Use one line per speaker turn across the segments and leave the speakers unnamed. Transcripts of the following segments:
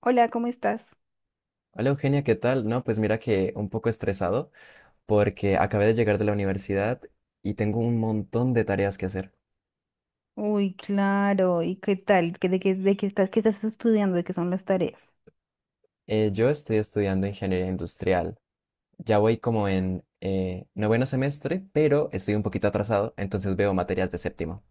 Hola, ¿cómo estás?
Hola Eugenia, ¿qué tal? No, pues mira que un poco estresado porque acabé de llegar de la universidad y tengo un montón de tareas que hacer.
Uy, claro. ¿Y qué tal? ¿Qué estás estudiando? ¿De qué son las tareas?
Yo estoy estudiando ingeniería industrial. Ya voy como en noveno semestre, pero estoy un poquito atrasado, entonces veo materias de séptimo.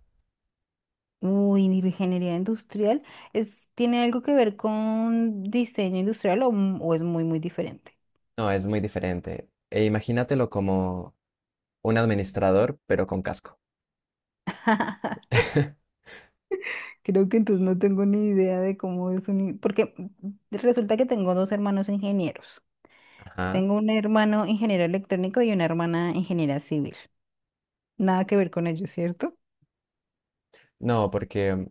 Uy, de ingeniería industrial. ¿Es, tiene algo que ver con diseño industrial o, m- o es muy, muy diferente?
No, es muy diferente. E imagínatelo como un administrador, pero con casco.
Creo que entonces no tengo ni idea de cómo es un... in- Porque resulta que tengo dos hermanos ingenieros.
Ajá.
Tengo un hermano ingeniero electrónico y una hermana ingeniera civil. Nada que ver con ellos, ¿cierto?
No, porque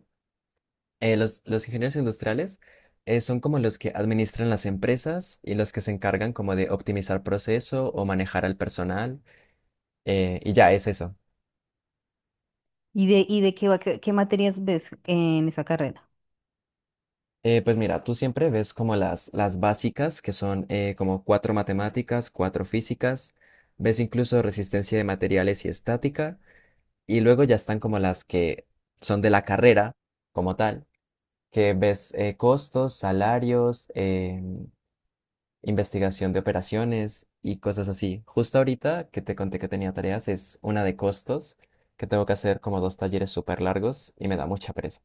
los ingenieros industriales son como los que administran las empresas y los que se encargan como de optimizar proceso o manejar al personal. Y ya es eso.
¿Y de qué va, qué materias ves en esa carrera?
Pues mira, tú siempre ves como las básicas, que son como cuatro matemáticas, cuatro físicas, ves incluso resistencia de materiales y estática, y luego ya están como las que son de la carrera como tal, que ves costos, salarios, investigación de operaciones y cosas así. Justo ahorita que te conté que tenía tareas es una de costos, que tengo que hacer como dos talleres súper largos y me da mucha pereza.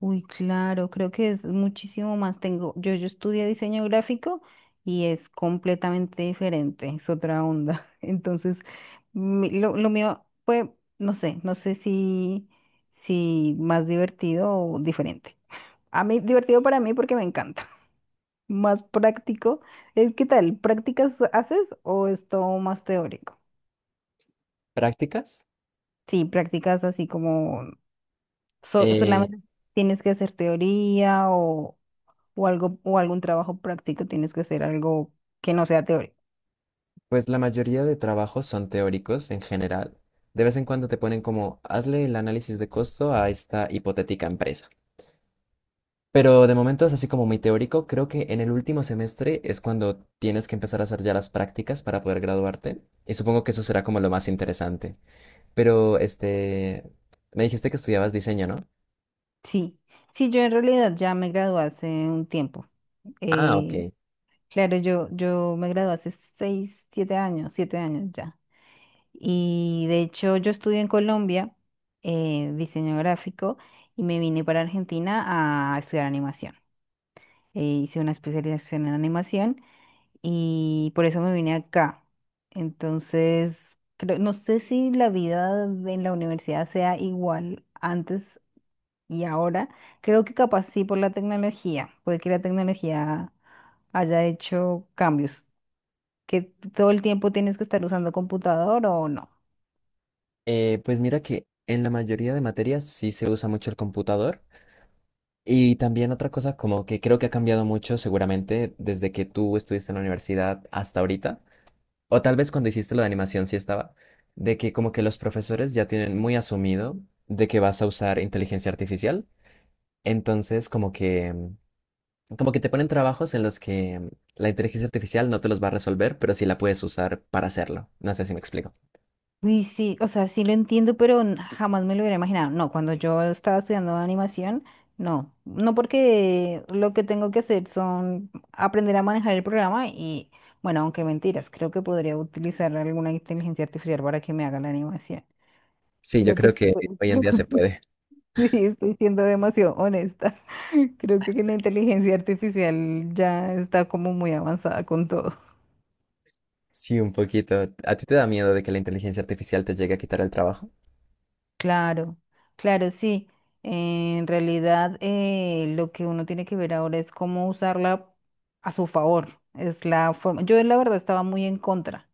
Uy, claro, creo que es muchísimo más. Tengo, yo estudié diseño gráfico y es completamente diferente, es otra onda. Entonces, mi- lo mío fue, no sé, no sé si, si más divertido o diferente. A mí, divertido para mí porque me encanta. Más práctico. ¿Qué tal? ¿Prácticas haces o es todo más teórico?
Prácticas,
Sí, prácticas así como so-
eh,
solamente tienes que hacer teoría o algo, o algún trabajo práctico, tienes que hacer algo que no sea teórico.
pues la mayoría de trabajos son teóricos en general. De vez en cuando te ponen como, hazle el análisis de costo a esta hipotética empresa. Pero de momento es así como muy teórico. Creo que en el último semestre es cuando tienes que empezar a hacer ya las prácticas para poder graduarte. Y supongo que eso será como lo más interesante. Pero, este, me dijiste que estudiabas diseño, ¿no?
Sí, sí, yo en realidad ya me gradué hace un tiempo.
Ah, ok.
Eh, claro, yo me gradué hace seis, siete años ya. Y de hecho yo estudié en Colombia diseño gráfico y me vine para Argentina a estudiar animación. Hice una especialización en animación y por eso me vine acá. Entonces, creo- no sé si la vida en la universidad sea igual antes y ahora. Creo que capaz sí por la tecnología, puede que la tecnología haya hecho cambios, que todo el tiempo tienes que estar usando computador o no.
Pues mira que en la mayoría de materias sí se usa mucho el computador. Y también otra cosa como que creo que ha cambiado mucho seguramente desde que tú estuviste en la universidad hasta ahorita. O tal vez cuando hiciste lo de animación sí estaba. De que como que los profesores ya tienen muy asumido de que vas a usar inteligencia artificial. Entonces como que Como que te ponen trabajos en los que la inteligencia artificial no te los va a resolver, pero sí la puedes usar para hacerlo. No sé si me explico.
Uy, sí, o sea, sí lo entiendo, pero n- jamás me lo hubiera imaginado. No, cuando yo estaba estudiando animación, no. No porque lo que tengo que hacer son aprender a manejar el programa y, bueno, aunque mentiras, creo que podría utilizar alguna inteligencia artificial para que me haga la animación.
Sí, yo
Creo que
creo que
estoy-
hoy en día se puede.
sí, estoy siendo demasiado honesta. Creo que la inteligencia artificial ya está como muy avanzada con todo.
Sí, un poquito. ¿A ti te da miedo de que la inteligencia artificial te llegue a quitar el trabajo?
Claro, claro, sí. En realidad, lo que uno tiene que ver ahora es cómo usarla a su favor. Es la forma. Yo, la verdad, estaba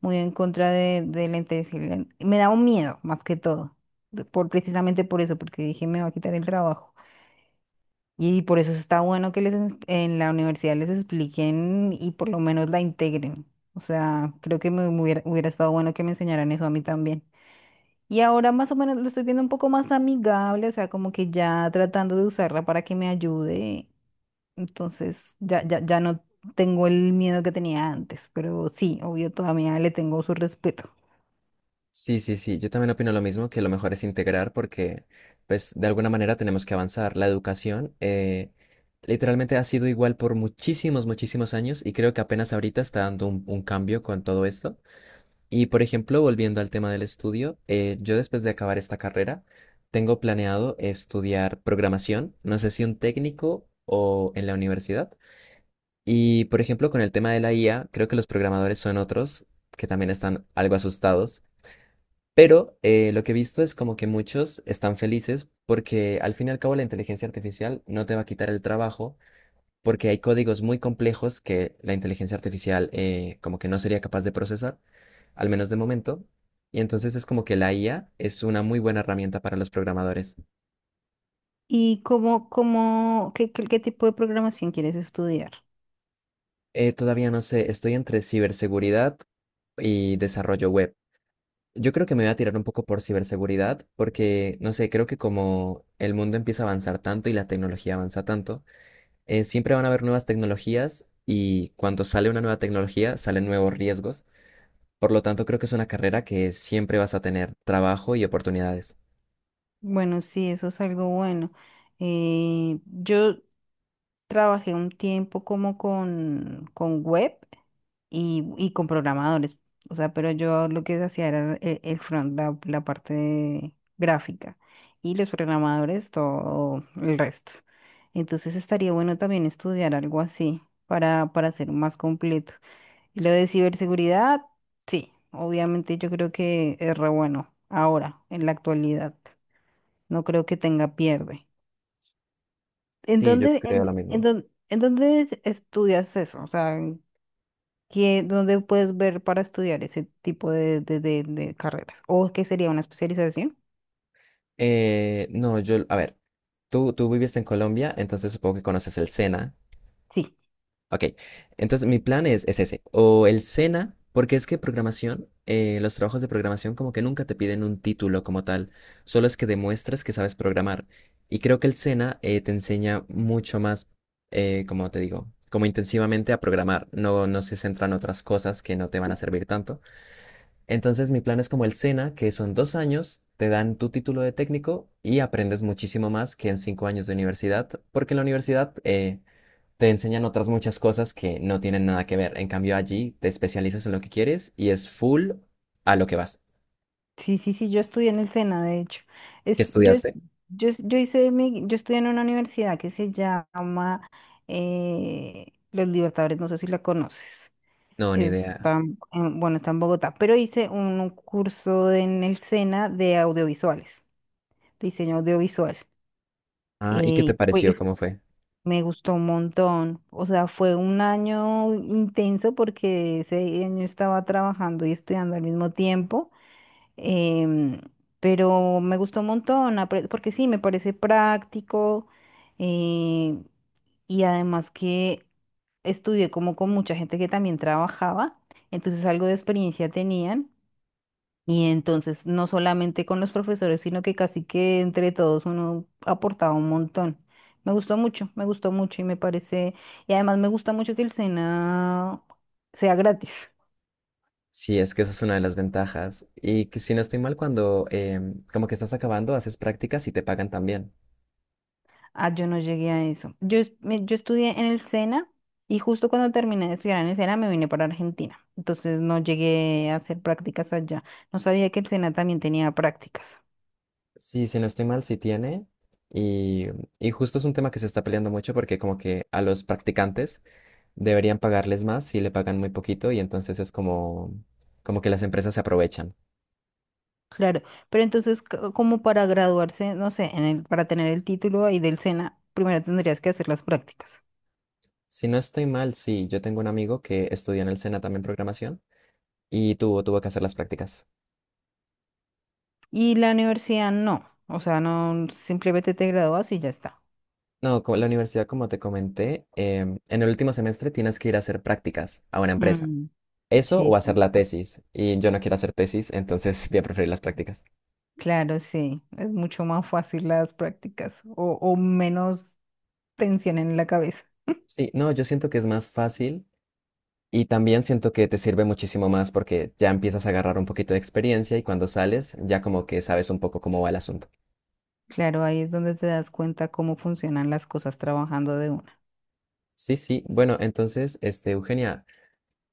muy en contra de la intensidad. Me daba un miedo, más que todo, de- por, precisamente por eso, porque dije, me va a quitar el trabajo. Y por eso está bueno que les ens- en la universidad les expliquen y por lo menos la integren. O sea, creo que me hubiera estado bueno que me enseñaran eso a mí también. Y ahora más o menos lo estoy viendo un poco más amigable, o sea, como que ya tratando de usarla para que me ayude. Entonces, ya, ya, ya no tengo el miedo que tenía antes, pero sí, obvio, todavía le tengo su respeto.
Sí, sí, sí. Yo también opino lo mismo, que lo mejor es integrar porque, pues, de alguna manera tenemos que avanzar. La educación literalmente ha sido igual por muchísimos, muchísimos años y creo que apenas ahorita está dando un cambio con todo esto. Y por ejemplo, volviendo al tema del estudio, yo después de acabar esta carrera, tengo planeado estudiar programación, no sé si un técnico o en la universidad. Y por ejemplo, con el tema de la IA, creo que los programadores son otros que también están algo asustados, pero lo que he visto es como que muchos están felices porque al fin y al cabo la inteligencia artificial no te va a quitar el trabajo porque hay códigos muy complejos que la inteligencia artificial como que no sería capaz de procesar al menos de momento. Y entonces es como que la IA es una muy buena herramienta para los programadores.
¿Y qué tipo de programación quieres estudiar?
Todavía no sé, estoy entre ciberseguridad y desarrollo web. Yo creo que me voy a tirar un poco por ciberseguridad porque, no sé, creo que como el mundo empieza a avanzar tanto y la tecnología avanza tanto, siempre van a haber nuevas tecnologías y cuando sale una nueva tecnología salen nuevos riesgos. Por lo tanto, creo que es una carrera que siempre vas a tener trabajo y oportunidades.
Bueno, sí, eso es algo bueno. Yo trabajé un tiempo como con web. Y con programadores. O sea, pero yo lo que hacía era el front, la parte gráfica y los programadores, todo el resto. Entonces estaría bueno también estudiar algo así para ser más completo. Y lo de ciberseguridad, sí, obviamente yo creo que es re bueno ahora, en la actualidad. No creo que tenga pierde.
Sí, yo creo lo mismo.
¿En dónde estudias eso? O sea, que- ¿Dónde puedes ver para estudiar ese tipo de, de carreras? ¿O qué sería una especialización?
No, yo, a ver, tú viviste en Colombia, entonces supongo que conoces el SENA.
Sí,
Ok, entonces mi plan es ese, o el SENA, porque es que programación, los trabajos de programación como que nunca te piden un título como tal, solo es que demuestres que sabes programar. Y creo que el SENA te enseña mucho más, como te digo, como intensivamente a programar, no se centra en otras cosas que no te van a servir tanto. Entonces mi plan es como el SENA, que son 2 años, te dan tu título de técnico y aprendes muchísimo más que en 5 años de universidad, porque en la universidad te enseñan otras muchas cosas que no tienen nada que ver. En cambio allí te especializas en lo que quieres y es full a lo que vas.
sí, yo estudié en el SENA, de hecho.
¿Qué
Es, yo, es-
estudiaste?
yo hice mi, yo estudié en una universidad que se llama Los Libertadores, no sé si la conoces.
No, ni idea.
Está, en- bueno, está en Bogotá, pero hice un curso en el SENA de audiovisuales, diseño audiovisual.
Ah, ¿y qué te pareció? ¿Cómo fue?
Me gustó un montón. O sea, fue un año intenso porque ese año estaba trabajando y estudiando al mismo tiempo. em, pero me gustó un montón, apre- porque sí, me parece práctico. eh, y además que estudié como con mucha gente que también trabajaba, entonces algo de experiencia tenían. Y entonces, no solamente con los profesores, sino que casi que entre todos uno aportaba un montón. Me gustó mucho y me parece, y además me gusta mucho que el SENA sea gratis.
Sí, es que esa es una de las ventajas. Y que si no estoy mal, cuando como que estás acabando, haces prácticas y te pagan también.
Ah, yo no llegué a eso. Yo, yo estudié en el SENA y justo cuando terminé de estudiar en el SENA me vine para Argentina. Entonces no llegué a hacer prácticas allá. No sabía que el SENA también tenía prácticas.
Sí, si no estoy mal, sí tiene. Y, y justo es un tema que se está peleando mucho porque como que a los practicantes deberían pagarles más si le pagan muy poquito y entonces es como, como que las empresas se aprovechan.
Claro, pero entonces co- como para graduarse, no sé, en el, para tener el título ahí del SENA, primero tendrías que hacer las prácticas.
Si no estoy mal, sí, yo tengo un amigo que estudió en el SENA también programación y tuvo que hacer las prácticas.
Y la universidad no, o sea, no, simplemente te gradúas y ya está.
No, co- la universidad, como te comenté, en el último semestre tienes que ir a hacer prácticas a una empresa.
Mm,
Eso
sí,
o hacer
sí,
la tesis. Y yo no quiero hacer tesis, entonces voy a preferir las prácticas.
claro, sí, es mucho más fácil las prácticas o menos tensión en la cabeza.
Sí, no, yo siento que es más fácil. Y también siento que te sirve muchísimo más porque ya empiezas a agarrar un poquito de experiencia y cuando sales ya como que sabes un poco cómo va el asunto.
Claro, ahí es donde te das cuenta cómo funcionan las cosas trabajando de una.
Sí, sí. Bueno, entonces, este, Eugenia,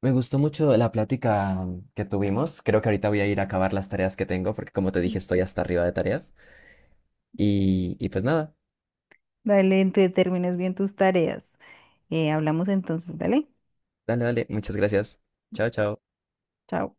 me gustó mucho la plática que tuvimos. Creo que ahorita voy a ir a acabar las tareas que tengo porque como te dije, estoy hasta arriba de tareas. Y pues nada,
Dale, te termines bien tus tareas. Hablamos entonces, dale,
dale, dale. Muchas gracias. Chao, chao.
chao.